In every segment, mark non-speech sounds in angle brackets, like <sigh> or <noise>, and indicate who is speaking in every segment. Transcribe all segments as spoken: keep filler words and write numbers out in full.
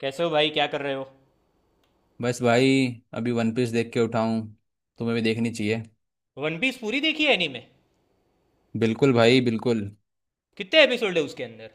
Speaker 1: कैसे हो भाई? क्या कर रहे हो?
Speaker 2: बस भाई। अभी वन पीस देख के उठाऊं। तुम्हें भी देखनी चाहिए।
Speaker 1: वन पीस पूरी देखी है एनीमे?
Speaker 2: बिल्कुल भाई, बिल्कुल।
Speaker 1: कितने एपिसोड है उसके अंदर?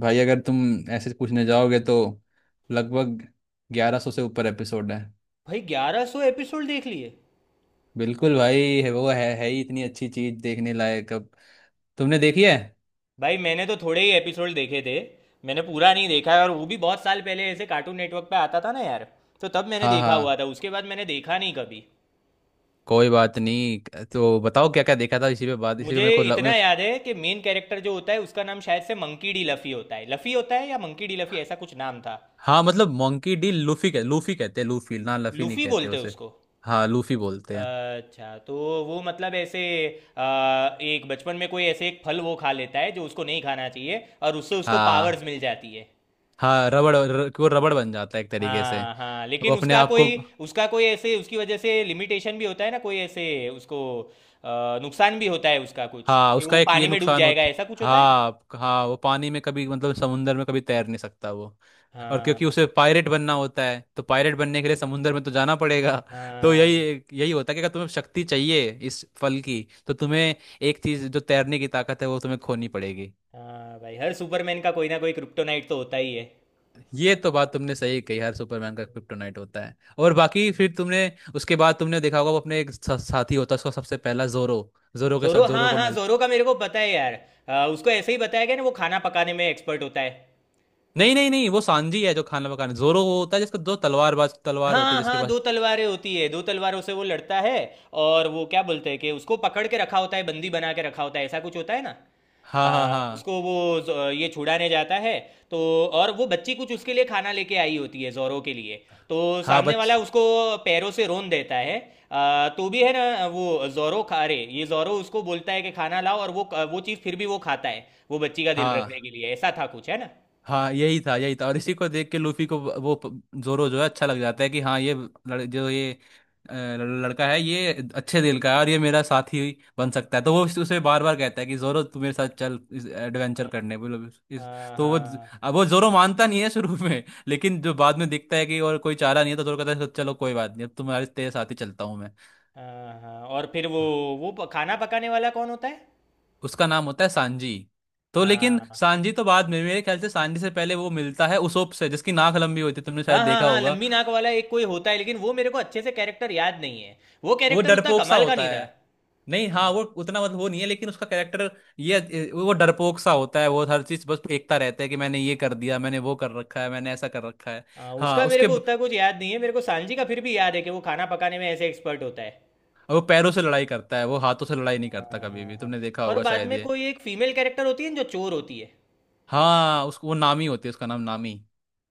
Speaker 2: भाई अगर तुम ऐसे पूछने जाओगे तो लगभग ग्यारह सौ से ऊपर एपिसोड है।
Speaker 1: भाई, ग्यारह सौ एपिसोड देख लिए?
Speaker 2: बिल्कुल भाई, है वो, है है ही इतनी अच्छी चीज, देखने लायक। अब तुमने देखी है?
Speaker 1: भाई, मैंने तो थोड़े ही एपिसोड देखे थे। मैंने पूरा नहीं देखा है, और वो भी बहुत साल पहले ऐसे कार्टून नेटवर्क पे आता था ना यार। तो तब मैंने
Speaker 2: हाँ
Speaker 1: देखा हुआ
Speaker 2: हाँ,
Speaker 1: था, उसके बाद मैंने देखा नहीं कभी।
Speaker 2: कोई बात नहीं। तो बताओ क्या क्या देखा था? इसी पे बात, इसी पे
Speaker 1: मुझे
Speaker 2: मेरे को
Speaker 1: इतना
Speaker 2: लग...
Speaker 1: याद है कि मेन कैरेक्टर जो होता है उसका नाम शायद से मंकी डी लफी होता है। लफी होता है या मंकी डी लफी, ऐसा कुछ नाम था।
Speaker 2: हाँ मतलब मोंकी डी लूफी, कह लूफी कहते हैं, लूफी ना, लफी नहीं
Speaker 1: लूफी
Speaker 2: कहते
Speaker 1: बोलते हैं
Speaker 2: उसे।
Speaker 1: उसको?
Speaker 2: हाँ लूफी बोलते हैं।
Speaker 1: अच्छा। तो वो मतलब ऐसे अ, एक बचपन में कोई ऐसे एक फल वो खा लेता है जो उसको नहीं खाना चाहिए, और उससे उसको पावर्स
Speaker 2: हाँ
Speaker 1: मिल जाती है।
Speaker 2: हाँ, रबड़ र, कि वो रबड़ बन जाता है एक तरीके से।
Speaker 1: हाँ, हाँ।
Speaker 2: वो
Speaker 1: लेकिन
Speaker 2: अपने
Speaker 1: उसका
Speaker 2: आप को।
Speaker 1: कोई उसका कोई ऐसे उसकी वजह से लिमिटेशन भी होता है ना, कोई ऐसे उसको अ, नुकसान भी होता है उसका कुछ,
Speaker 2: हाँ
Speaker 1: कि वो
Speaker 2: उसका एक ये
Speaker 1: पानी में डूब
Speaker 2: नुकसान
Speaker 1: जाएगा,
Speaker 2: होता।
Speaker 1: ऐसा कुछ होता है ना?
Speaker 2: हाँ हाँ, वो पानी में कभी, मतलब समुंदर में कभी तैर नहीं सकता वो। और क्योंकि
Speaker 1: हाँ,
Speaker 2: उसे पायरेट बनना होता है, तो पायरेट बनने के लिए समुंदर में तो जाना पड़ेगा। <laughs> तो
Speaker 1: हाँ।
Speaker 2: यही यही होता है कि अगर तुम्हें शक्ति चाहिए इस फल की, तो तुम्हें एक चीज़, जो तैरने की ताकत है, वो तुम्हें खोनी पड़ेगी।
Speaker 1: हाँ भाई, हर सुपरमैन का कोई ना कोई क्रिप्टोनाइट तो होता ही है।
Speaker 2: ये तो बात तुमने सही कही, हर सुपरमैन का क्रिप्टोनाइट होता है। और बाकी
Speaker 1: हम्म।
Speaker 2: फिर तुमने, उसके बाद तुमने देखा होगा वो अपने एक सा, साथी होता है उसका, सबसे पहला जोरो। जोरो के साथ
Speaker 1: जोरो,
Speaker 2: जोरो
Speaker 1: हाँ
Speaker 2: को
Speaker 1: हाँ,
Speaker 2: मिल,
Speaker 1: जोरो का मेरे को पता है यार। आ, उसको ऐसे ही बताया गया ना, वो खाना पकाने में एक्सपर्ट होता है?
Speaker 2: नहीं नहीं नहीं, वो सांजी है जो खाना पकाने। जोरो वो होता है जिसका दो तलवार, बाज तलवार होती है
Speaker 1: हाँ,
Speaker 2: जिसके
Speaker 1: हाँ।
Speaker 2: पास।
Speaker 1: दो तलवारें होती है, दो तलवारों से वो लड़ता है। और वो क्या बोलते हैं कि उसको पकड़ के रखा होता है, बंदी बना के रखा होता है, ऐसा कुछ होता है ना?
Speaker 2: हाँ हाँ
Speaker 1: आ,
Speaker 2: हाँ।
Speaker 1: उसको वो ज- ये छुड़ाने जाता है तो। और वो बच्ची कुछ उसके लिए खाना लेके आई होती है, जोरो के लिए। तो
Speaker 2: हाँ
Speaker 1: सामने
Speaker 2: बच,
Speaker 1: वाला उसको पैरों से रोन देता है। आ, तो भी है ना, वो जोरो खा रहे, ये जोरो उसको बोलता है कि खाना लाओ, और वो वो चीज़ फिर भी वो खाता है, वो बच्ची का दिल रखने
Speaker 2: हाँ
Speaker 1: के लिए, ऐसा था कुछ, है ना?
Speaker 2: हाँ, यही था, यही था। और इसी को देख के लूफी को, व- वो प- जोरो जो है अच्छा लग जाता है कि हाँ ये लड़, जो ये अ, लड़का है, ये अच्छे दिल का है और ये मेरा साथी बन सकता है। तो वो उस- उसे बार बार कहता है कि जोरो तू मेरे साथ चल, इस
Speaker 1: हाँ,
Speaker 2: एडवेंचर करने बोलो इस।
Speaker 1: हाँ,
Speaker 2: तो वो,
Speaker 1: हाँ।
Speaker 2: अब वो जोरो मानता नहीं है शुरू <laughs> में। लेकिन जो बाद में दिखता है कि और कोई चारा नहीं है, तो जोरो कहता है चलो कोई बात नहीं, अब तुम्हारे तेरे साथ ही चलता हूँ मैं।
Speaker 1: हाँ, हाँ। और फिर वो वो प- खाना पकाने वाला कौन होता है?
Speaker 2: उसका नाम होता है सांजी। तो लेकिन
Speaker 1: हाँ,
Speaker 2: सांजी तो बाद में, मेरे ख्याल से सांजी से पहले वो मिलता है उसोप से, जिसकी नाक लंबी होती है, तुमने शायद
Speaker 1: हाँ, हाँ।
Speaker 2: देखा
Speaker 1: हाँ,
Speaker 2: होगा।
Speaker 1: लंबी नाक वाला एक कोई होता है, लेकिन वो मेरे को अच्छे से कैरेक्टर याद नहीं है। वो
Speaker 2: वो
Speaker 1: कैरेक्टर उतना
Speaker 2: डरपोक सा
Speaker 1: कमाल का
Speaker 2: होता
Speaker 1: नहीं था।
Speaker 2: है। नहीं, हाँ
Speaker 1: हम्म।
Speaker 2: वो उतना, मतलब वो नहीं है, लेकिन उसका कैरेक्टर, ये वो डरपोक सा होता है। वो हर चीज बस फेंकता रहता है कि मैंने ये कर दिया, मैंने वो कर रखा है, मैंने ऐसा कर रखा है।
Speaker 1: हाँ,
Speaker 2: हाँ
Speaker 1: उसका मेरे
Speaker 2: उसके
Speaker 1: को
Speaker 2: ब-
Speaker 1: उतना कुछ याद नहीं है। मेरे को सांजी का फिर भी याद है कि वो खाना पकाने में ऐसे एक्सपर्ट होता है।
Speaker 2: वो पैरों से लड़ाई करता है, वो हाथों से लड़ाई नहीं
Speaker 1: हाँ,
Speaker 2: करता कभी
Speaker 1: हाँ,
Speaker 2: भी,
Speaker 1: हाँ।
Speaker 2: तुमने देखा
Speaker 1: और
Speaker 2: होगा
Speaker 1: बाद
Speaker 2: शायद
Speaker 1: में
Speaker 2: ये।
Speaker 1: कोई एक फीमेल कैरेक्टर होती है ना, जो चोर होती है?
Speaker 2: हाँ उसको वो नामी होती है, उसका नाम नामी।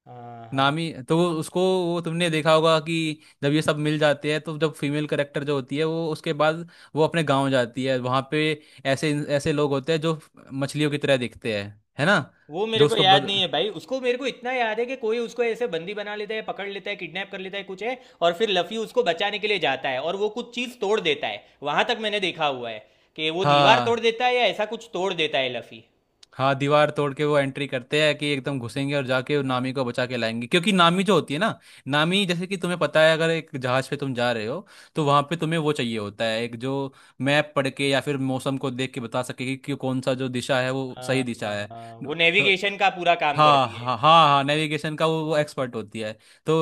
Speaker 1: हाँ, हाँ।
Speaker 2: नामी तो, वो उसको, वो तुमने देखा होगा कि जब ये सब मिल जाते हैं, तो जब फीमेल करेक्टर जो होती है वो, उसके बाद वो अपने गांव जाती है, वहां पे ऐसे ऐसे लोग होते हैं जो मछलियों की तरह दिखते हैं, है ना।
Speaker 1: वो मेरे
Speaker 2: जो
Speaker 1: को
Speaker 2: उसको
Speaker 1: याद नहीं
Speaker 2: बद...
Speaker 1: है भाई, उसको मेरे को इतना याद है कि कोई उसको ऐसे बंदी बना लेता है, पकड़ लेता है, किडनैप कर लेता है, कुछ है। और फिर लफी उसको बचाने के लिए जाता है और वो कुछ चीज़ तोड़ देता है, वहां तक मैंने देखा हुआ है। कि वो दीवार तोड़
Speaker 2: हाँ
Speaker 1: देता है या ऐसा कुछ तोड़ देता है लफी।
Speaker 2: हाँ, दीवार तोड़ के वो एंट्री करते हैं, कि एकदम घुसेंगे और जाके
Speaker 1: हाँ,
Speaker 2: नामी को बचा के लाएंगे। क्योंकि नामी जो होती है ना, नामी, जैसे कि तुम्हें पता है, अगर एक जहाज पे तुम जा रहे हो, तो वहां पे तुम्हें वो चाहिए होता है एक जो मैप पढ़ के या फिर मौसम को देख के बता सके कि कि कौन सा जो दिशा है वो
Speaker 1: हाँ,
Speaker 2: सही दिशा
Speaker 1: हाँ,
Speaker 2: है।
Speaker 1: हाँ, वो
Speaker 2: तो
Speaker 1: नेविगेशन का पूरा काम
Speaker 2: हाँ
Speaker 1: करती है।
Speaker 2: हाँ हाँ हाँ, नेविगेशन का वो, वो एक्सपर्ट होती है। तो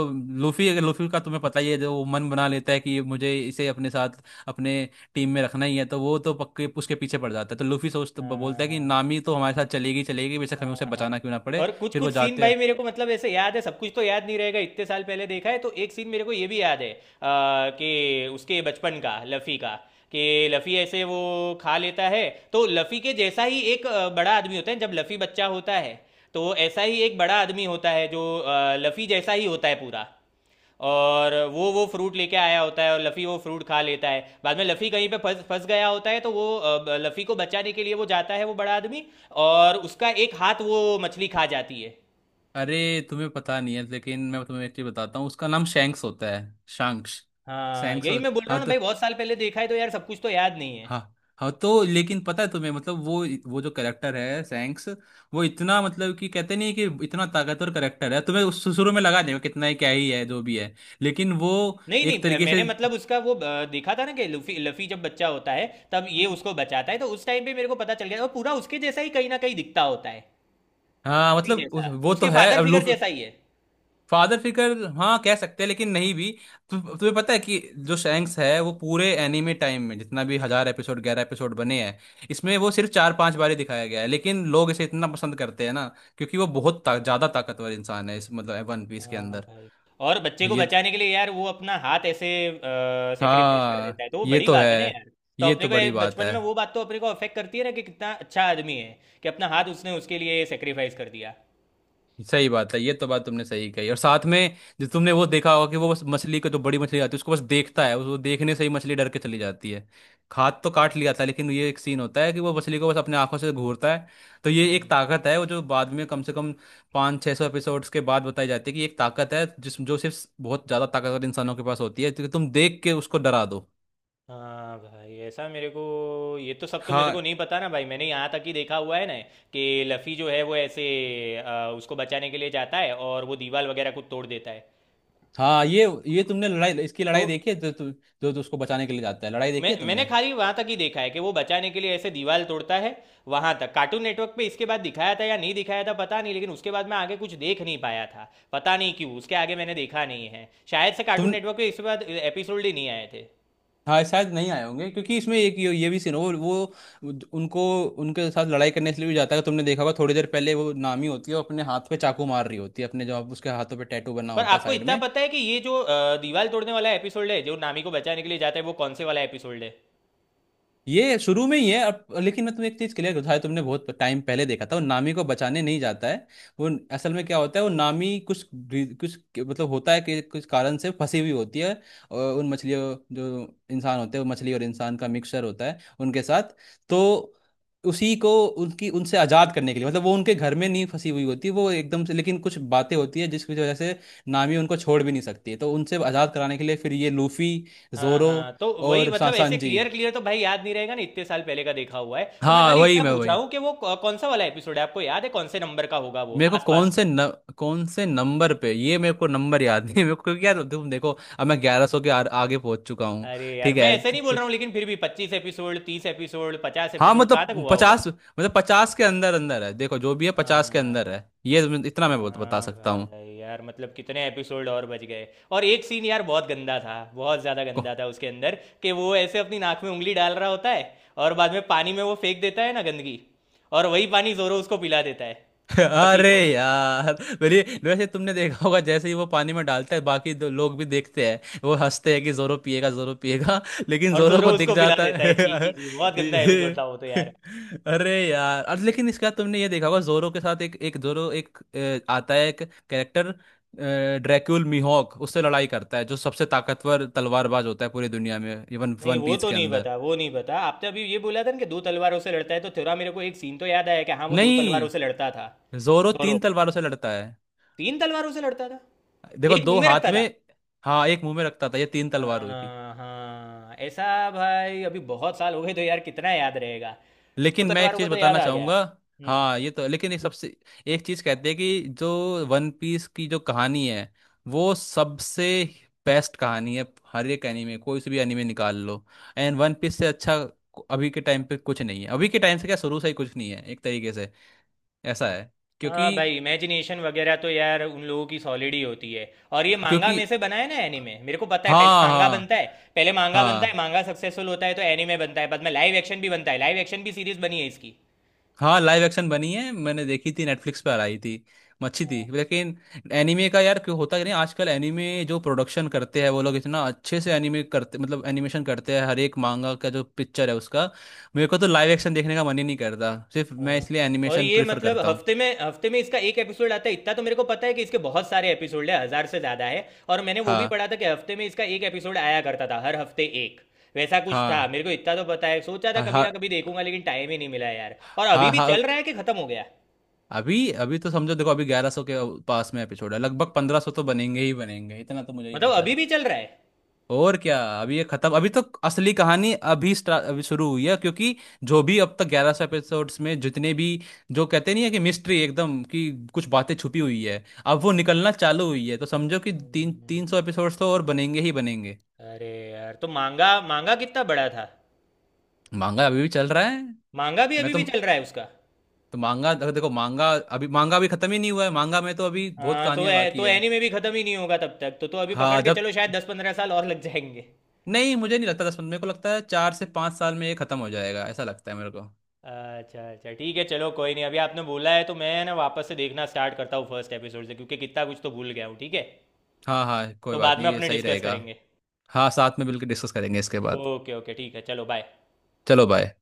Speaker 2: लूफी, लूफी का तुम्हें पता ही है, जो वो मन बना लेता है कि मुझे इसे अपने साथ, अपने टीम में रखना ही है, तो वो तो पक्के उसके पीछे पड़ जाता है। तो लूफी सोच
Speaker 1: हाँ,
Speaker 2: बोलता है कि
Speaker 1: हाँ,
Speaker 2: नामी तो हमारे साथ चलेगी, चलेगी, बेशक हमें उसे
Speaker 1: हाँ, हाँ।
Speaker 2: बचाना क्यों ना पड़े।
Speaker 1: और कुछ
Speaker 2: फिर
Speaker 1: कुछ
Speaker 2: वो
Speaker 1: सीन
Speaker 2: जाते
Speaker 1: भाई
Speaker 2: हैं।
Speaker 1: मेरे को मतलब ऐसे याद है, सब कुछ तो याद नहीं रहेगा, इतने साल पहले देखा है। तो एक सीन मेरे को ये भी याद है आ, कि उसके बचपन का, लफ़ी का, कि लफ़ी ऐसे वो खा लेता है। तो लफ़ी के जैसा ही एक आ, बड़ा आदमी होता है, जब लफ़ी बच्चा होता है। तो ऐसा ही एक बड़ा आदमी होता है जो आ, लफ़ी जैसा ही होता है पूरा। और वो वो फ्रूट लेके आया होता है, और लफ़ी वो फ्रूट खा लेता है। बाद में लफ़ी कहीं पे फंस फंस गया होता है, तो वो अ, लफ़ी को बचाने के लिए वो जाता है, वो बड़ा आदमी। और उसका एक हाथ वो मछली खा जाती है।
Speaker 2: अरे तुम्हें पता नहीं है, लेकिन मैं तुम्हें एक चीज बताता हूँ, उसका नाम शैंक्स होता है। शांक्स।
Speaker 1: हाँ,
Speaker 2: शैंक्स
Speaker 1: यही
Speaker 2: हो-
Speaker 1: मैं बोल रहा
Speaker 2: हाँ
Speaker 1: हूँ ना
Speaker 2: तो,
Speaker 1: भाई, बहुत साल पहले देखा है तो यार सब कुछ तो याद नहीं है।
Speaker 2: हाँ हाँ तो लेकिन पता है तुम्हें, मतलब वो वो जो करेक्टर है सैंक्स, वो इतना, मतलब कि कहते नहीं, कि इतना ताकतवर करेक्टर है, तुम्हें उस- शुरू में लगा देगा कितना ही क्या ही है जो भी है, लेकिन वो
Speaker 1: नहीं,
Speaker 2: एक
Speaker 1: नहीं,
Speaker 2: तरीके से।
Speaker 1: मैंने मतलब उसका वो अ, देखा था ना, कि लफ़ी लफ़ी जब बच्चा होता है तब ये उसको बचाता है। तो उस टाइम पे मेरे को पता चल गया वो पूरा उसके जैसा ही कहीं ना कहीं दिखता होता है,
Speaker 2: हाँ
Speaker 1: लफ़ी
Speaker 2: मतलब उस-
Speaker 1: जैसा,
Speaker 2: वो तो
Speaker 1: उसके
Speaker 2: है,
Speaker 1: फादर
Speaker 2: अब
Speaker 1: फिगर
Speaker 2: लोग,
Speaker 1: जैसा ही है।
Speaker 2: फादर फिगर हाँ कह सकते हैं, लेकिन नहीं भी। तु, तुम्हें पता है कि जो सैंक्स है, वो पूरे एनीमे टाइम में जितना भी हजार एपिसोड, ग्यारह एपिसोड बने हैं, इसमें वो सिर्फ चार पांच बार ही दिखाया गया है, लेकिन लोग इसे इतना पसंद करते हैं ना, क्योंकि वो बहुत ता, ज्यादा ताकतवर इंसान है इस, मतलब वन पीस के
Speaker 1: हाँ
Speaker 2: अंदर।
Speaker 1: भाई, और बच्चे को
Speaker 2: ये तो,
Speaker 1: बचाने के लिए यार वो अपना हाथ ऐसे सेक्रीफाइस कर देता
Speaker 2: हाँ
Speaker 1: है, तो वो
Speaker 2: ये
Speaker 1: बड़ी
Speaker 2: तो है।
Speaker 1: बात है ना यार। तो
Speaker 2: ये
Speaker 1: अपने
Speaker 2: तो
Speaker 1: को ये
Speaker 2: बड़ी बात
Speaker 1: बचपन
Speaker 2: है,
Speaker 1: में, वो बात तो अपने को अफेक्ट करती है ना, कि कितना अच्छा आदमी है कि अपना हाथ उसने उसके लिए सेक्रीफाइस कर दिया।
Speaker 2: सही बात है, ये तो बात तुमने सही कही। और साथ में जो तुमने वो देखा होगा कि वो बस मछली को, जो बड़ी मछली आती है उसको बस देखता है, उसको देखने से ही मछली डर के चली जाती है। हाथ तो काट लिया था, लेकिन ये एक सीन होता है कि वो मछली को बस अपने आंखों से घूरता है। तो ये एक
Speaker 1: हम्म।
Speaker 2: ताकत है वो, जो बाद में कम से कम पाँच छः सौ एपिसोड्स के बाद बताई जाती है, कि एक ताकत है जिस, जो सिर्फ बहुत ज़्यादा ताकतवर इंसानों के पास होती है, क्योंकि तुम देख के उसको डरा दो।
Speaker 1: हाँ भाई, ऐसा मेरे को, ये तो सब तो मेरे को
Speaker 2: हाँ
Speaker 1: नहीं पता ना भाई, मैंने यहाँ तक ही देखा हुआ है ना, कि लफ़ी जो है वो ऐसे अ, उसको बचाने के लिए जाता है और वो दीवार वगैरह को तोड़ देता है।
Speaker 2: हाँ, ये ये तुमने लड़ाई, इसकी
Speaker 1: तो
Speaker 2: लड़ाई देखी है, जो तु, जो तो उसको बचाने के लिए जाता है, लड़ाई देखी
Speaker 1: मैं
Speaker 2: है
Speaker 1: मैंने
Speaker 2: तुमने?
Speaker 1: खाली वहां तक ही देखा है कि वो बचाने के लिए ऐसे दीवार तोड़ता है। वहां तक कार्टून नेटवर्क पे इसके बाद दिखाया था या नहीं दिखाया था, पता नहीं, लेकिन उसके बाद मैं आगे कुछ देख नहीं पाया था। पता नहीं क्यों उसके आगे मैंने देखा नहीं है, शायद से कार्टून
Speaker 2: तुम,
Speaker 1: नेटवर्क पे इसके बाद एपिसोड ही नहीं आए थे।
Speaker 2: हाँ शायद नहीं आए होंगे, क्योंकि इसमें एक ये, ये भी सीन हो वो वो उनको, उनके साथ लड़ाई करने के लिए भी जाता है, तुमने देखा होगा। थोड़ी देर पहले वो नामी होती है, वो अपने हाथ पे चाकू मार रही होती है अपने, जो उसके हाथों पे टैटू बना
Speaker 1: पर
Speaker 2: होता है
Speaker 1: आपको
Speaker 2: साइड
Speaker 1: इतना
Speaker 2: में।
Speaker 1: पता है कि ये जो अ, दीवार तोड़ने वाला एपिसोड है जो नामी को बचाने के लिए जाता है, वो कौन से वाला एपिसोड है?
Speaker 2: ये शुरू में ही है अब। लेकिन मैं तुम्हें एक चीज क्लियर, शायद तुमने बहुत टाइम पहले देखा था, वो नामी को बचाने नहीं जाता है वो। असल में क्या होता है, वो नामी कुछ री- कुछ मतलब होता है, कि कुछ कारण से फंसी हुई होती है। और उन मछलियों, जो इंसान होते हैं, वो मछली और इंसान का मिक्सचर होता है, उनके साथ, तो उसी को, उनकी, उनसे आज़ाद करने के लिए। मतलब वो उनके घर में नहीं फंसी हुई होती वो एकदम से, लेकिन कुछ बातें होती है जिसकी वजह से नामी उनको छोड़ भी नहीं सकती है। तो उनसे आज़ाद कराने के लिए फिर ये लूफी,
Speaker 1: हाँ,
Speaker 2: जोरो
Speaker 1: हाँ। तो वही
Speaker 2: और
Speaker 1: मतलब
Speaker 2: सा-
Speaker 1: ऐसे
Speaker 2: सांजी।
Speaker 1: क्लियर क्लियर तो भाई याद नहीं रहेगा ना, इतने साल पहले का देखा हुआ है। तो मैं
Speaker 2: हाँ
Speaker 1: खाली
Speaker 2: वही
Speaker 1: इतना
Speaker 2: मैं
Speaker 1: पूछा
Speaker 2: वही,
Speaker 1: हूँ कि वो कौन सा वाला एपिसोड है, आपको याद है कौन से नंबर का होगा वो
Speaker 2: मेरे को कौन
Speaker 1: आसपास?
Speaker 2: से न, कौन से नंबर पे, ये मेरे को नंबर याद नहीं है मेरे को, क्योंकि यार तुम देखो, अब मैं ग्यारह सौ के आ, आगे पहुंच चुका हूँ।
Speaker 1: अरे यार,
Speaker 2: ठीक
Speaker 1: मैं
Speaker 2: है
Speaker 1: ऐसे
Speaker 2: तो,
Speaker 1: नहीं बोल
Speaker 2: तो,
Speaker 1: रहा हूँ, लेकिन फिर भी पच्चीस एपिसोड, तीस एपिसोड, पचास
Speaker 2: हाँ
Speaker 1: एपिसोड कहाँ तक
Speaker 2: मतलब
Speaker 1: हुआ होगा?
Speaker 2: पचास, मतलब पचास के अंदर अंदर है, देखो जो भी है पचास के
Speaker 1: हाँ,
Speaker 2: अंदर है ये, इतना मैं बता बता
Speaker 1: हाँ।
Speaker 2: सकता हूँ।
Speaker 1: भाई यार, मतलब कितने एपिसोड और बच गए। और एक सीन यार बहुत गंदा था, बहुत ज़्यादा गंदा था उसके अंदर, कि वो ऐसे अपनी नाक में उंगली डाल रहा होता है, और बाद में पानी में वो फेंक देता है ना गंदगी, और वही पानी जोरो उसको पिला देता है,
Speaker 2: <laughs>
Speaker 1: रफी
Speaker 2: अरे
Speaker 1: को।
Speaker 2: यार, मेरी, वैसे तुमने देखा होगा जैसे ही वो पानी में डालता है, बाकी दो लोग भी देखते हैं वो हंसते हैं, कि जोरो पिएगा जोरो पिएगा, लेकिन
Speaker 1: और
Speaker 2: जोरो
Speaker 1: जोरो
Speaker 2: को दिख
Speaker 1: उसको पिला
Speaker 2: जाता
Speaker 1: देता
Speaker 2: है।
Speaker 1: है, छी छी
Speaker 2: <laughs>
Speaker 1: छी, बहुत गंदा एपिसोड था वो तो यार।
Speaker 2: अरे यार, और लेकिन इसका तुमने ये देखा होगा जोरो के साथ, एक एक जोरो एक अ, आता है एक कैरेक्टर, ड्रैक्यूल मिहोक, उससे लड़ाई करता है, जो सबसे ताकतवर तलवारबाज होता है पूरी दुनिया में, इवन
Speaker 1: नहीं,
Speaker 2: वन
Speaker 1: वो
Speaker 2: पीस
Speaker 1: तो
Speaker 2: के
Speaker 1: नहीं
Speaker 2: अंदर।
Speaker 1: बता, वो नहीं बता, आपने अभी ये बोला था ना कि दो तलवारों से लड़ता है, तो थोड़ा मेरे को एक सीन तो याद आया कि हाँ वो दो तलवारों से
Speaker 2: नहीं,
Speaker 1: लड़ता था।
Speaker 2: जोरो
Speaker 1: दोरो
Speaker 2: तीन तलवारों से लड़ता है।
Speaker 1: तीन तलवारों से लड़ता था,
Speaker 2: देखो
Speaker 1: एक
Speaker 2: दो
Speaker 1: मुंह में
Speaker 2: हाथ
Speaker 1: रखता
Speaker 2: में,
Speaker 1: था।
Speaker 2: हाँ एक मुंह में रखता था, ये तीन तलवार होगी।
Speaker 1: हाँ, हाँ, ऐसा। भाई, अभी बहुत साल हो गए तो यार कितना याद रहेगा? दो
Speaker 2: लेकिन मैं एक
Speaker 1: तलवारों का
Speaker 2: चीज
Speaker 1: तो याद
Speaker 2: बताना
Speaker 1: आ गया।
Speaker 2: चाहूंगा,
Speaker 1: हम्म, हम्म।
Speaker 2: हाँ ये तो। लेकिन एक सबसे, एक चीज कहते हैं कि जो वन पीस की जो कहानी है, वो सबसे बेस्ट कहानी है। हर एक एनीमे, कोई से भी एनीमे निकाल लो, एंड वन पीस से अच्छा को- अभी के टाइम पे कुछ नहीं है। अभी के टाइम से क्या, शुरू से ही कुछ नहीं है एक तरीके से ऐसा है, क्योंकि,
Speaker 1: हाँ भाई, इमेजिनेशन वगैरह तो यार उन लोगों की सॉलिड ही होती है। और ये मांगा
Speaker 2: क्योंकि,
Speaker 1: में से बना है ना एनीमे, मेरे को पता है, पहले
Speaker 2: हाँ
Speaker 1: मांगा
Speaker 2: हाँ
Speaker 1: बनता है। पहले मांगा बनता है,
Speaker 2: हाँ
Speaker 1: मांगा सक्सेसफुल होता है तो एनीमे बनता है, बाद में लाइव एक्शन भी बनता है। लाइव एक्शन भी सीरीज बनी है इसकी।
Speaker 2: हाँ, लाइव एक्शन बनी है, मैंने देखी थी, नेटफ्लिक्स पर आई थी, अच्छी थी लेकिन, एनीमे का यार क्यों होता ही नहीं। आजकल एनीमे जो प्रोडक्शन करते हैं वो लोग इतना अच्छे से एनीमे करते, मतलब एनिमेशन करते हैं हर एक मांगा का जो पिक्चर है उसका। मेरे को तो लाइव एक्शन देखने का मन ही नहीं करता, सिर्फ मैं
Speaker 1: हाँ।
Speaker 2: इसलिए
Speaker 1: और
Speaker 2: एनिमेशन
Speaker 1: ये
Speaker 2: प्रिफर
Speaker 1: मतलब
Speaker 2: करता हूँ।
Speaker 1: हफ्ते में, हफ्ते में इसका एक एपिसोड आता है, इतना तो मेरे को पता है कि इसके बहुत सारे एपिसोड है, हजार से ज्यादा है। और मैंने वो भी
Speaker 2: हाँ
Speaker 1: पढ़ा था कि हफ्ते में इसका एक एपिसोड आया करता था, हर हफ्ते एक, वैसा कुछ था,
Speaker 2: हाँ
Speaker 1: मेरे को इतना तो पता है। सोचा था
Speaker 2: हाँ
Speaker 1: कभी
Speaker 2: हाँ
Speaker 1: ना कभी देखूंगा, लेकिन टाइम ही नहीं मिला यार। और अभी
Speaker 2: हाँ
Speaker 1: भी
Speaker 2: हाँ,
Speaker 1: चल रहा है कि खत्म हो गया?
Speaker 2: अभी, अभी तो समझो देखो, अभी ग्यारह सौ के पास में एपिसोड है, लगभग पंद्रह सौ तो बनेंगे ही बनेंगे, इतना तो मुझे ही
Speaker 1: मतलब
Speaker 2: पता
Speaker 1: अभी
Speaker 2: है।
Speaker 1: भी चल रहा है?
Speaker 2: और क्या, अभी ये खत्म, अभी तो असली कहानी अभी स्टा- अभी शुरू हुई है, क्योंकि जो भी अब तक ग्यारह सौ एपिसोड्स में जितने भी, जो कहते नहीं है कि मिस्ट्री एकदम, कि कुछ बातें छुपी हुई है अब वो निकलना चालू हुई है, तो समझो कि तीन तीन सौ एपिसोड्स तो और बनेंगे ही बनेंगे।
Speaker 1: अरे यार, तो मांगा मांगा कितना बड़ा था?
Speaker 2: मांगा अभी भी चल रहा है।
Speaker 1: मांगा भी
Speaker 2: मैं
Speaker 1: अभी
Speaker 2: तो
Speaker 1: भी चल रहा है उसका?
Speaker 2: तो मांगा, देखो देखो, मांगा, अभी मांगा अभी खत्म ही नहीं हुआ है, मांगा में तो अभी बहुत
Speaker 1: हाँ। तो
Speaker 2: कहानियां
Speaker 1: ए,
Speaker 2: बाकी
Speaker 1: तो
Speaker 2: है।
Speaker 1: एनीमे भी खत्म ही नहीं होगा तब तक। तो तो अभी पकड़
Speaker 2: हाँ
Speaker 1: के
Speaker 2: जब,
Speaker 1: चलो शायद दस पंद्रह साल और लग जाएंगे।
Speaker 2: नहीं मुझे नहीं लगता दस पंद्रह, मेरे को लगता है चार से पाँच साल में ये खत्म हो जाएगा, ऐसा लगता है मेरे को।
Speaker 1: अच्छा, अच्छा, ठीक है। चलो कोई नहीं, अभी आपने बोला है तो मैं ना वापस से देखना स्टार्ट करता हूँ फर्स्ट एपिसोड से, क्योंकि कितना कुछ तो भूल गया हूँ, ठीक है?
Speaker 2: हाँ हाँ, कोई
Speaker 1: तो
Speaker 2: बात
Speaker 1: बाद में
Speaker 2: नहीं, ये
Speaker 1: अपने
Speaker 2: सही
Speaker 1: डिस्कस
Speaker 2: रहेगा।
Speaker 1: करेंगे।
Speaker 2: हाँ, साथ में मिलकर डिस्कस करेंगे इसके बाद।
Speaker 1: ओके, ओके, ठीक है, चलो बाय।
Speaker 2: चलो बाय।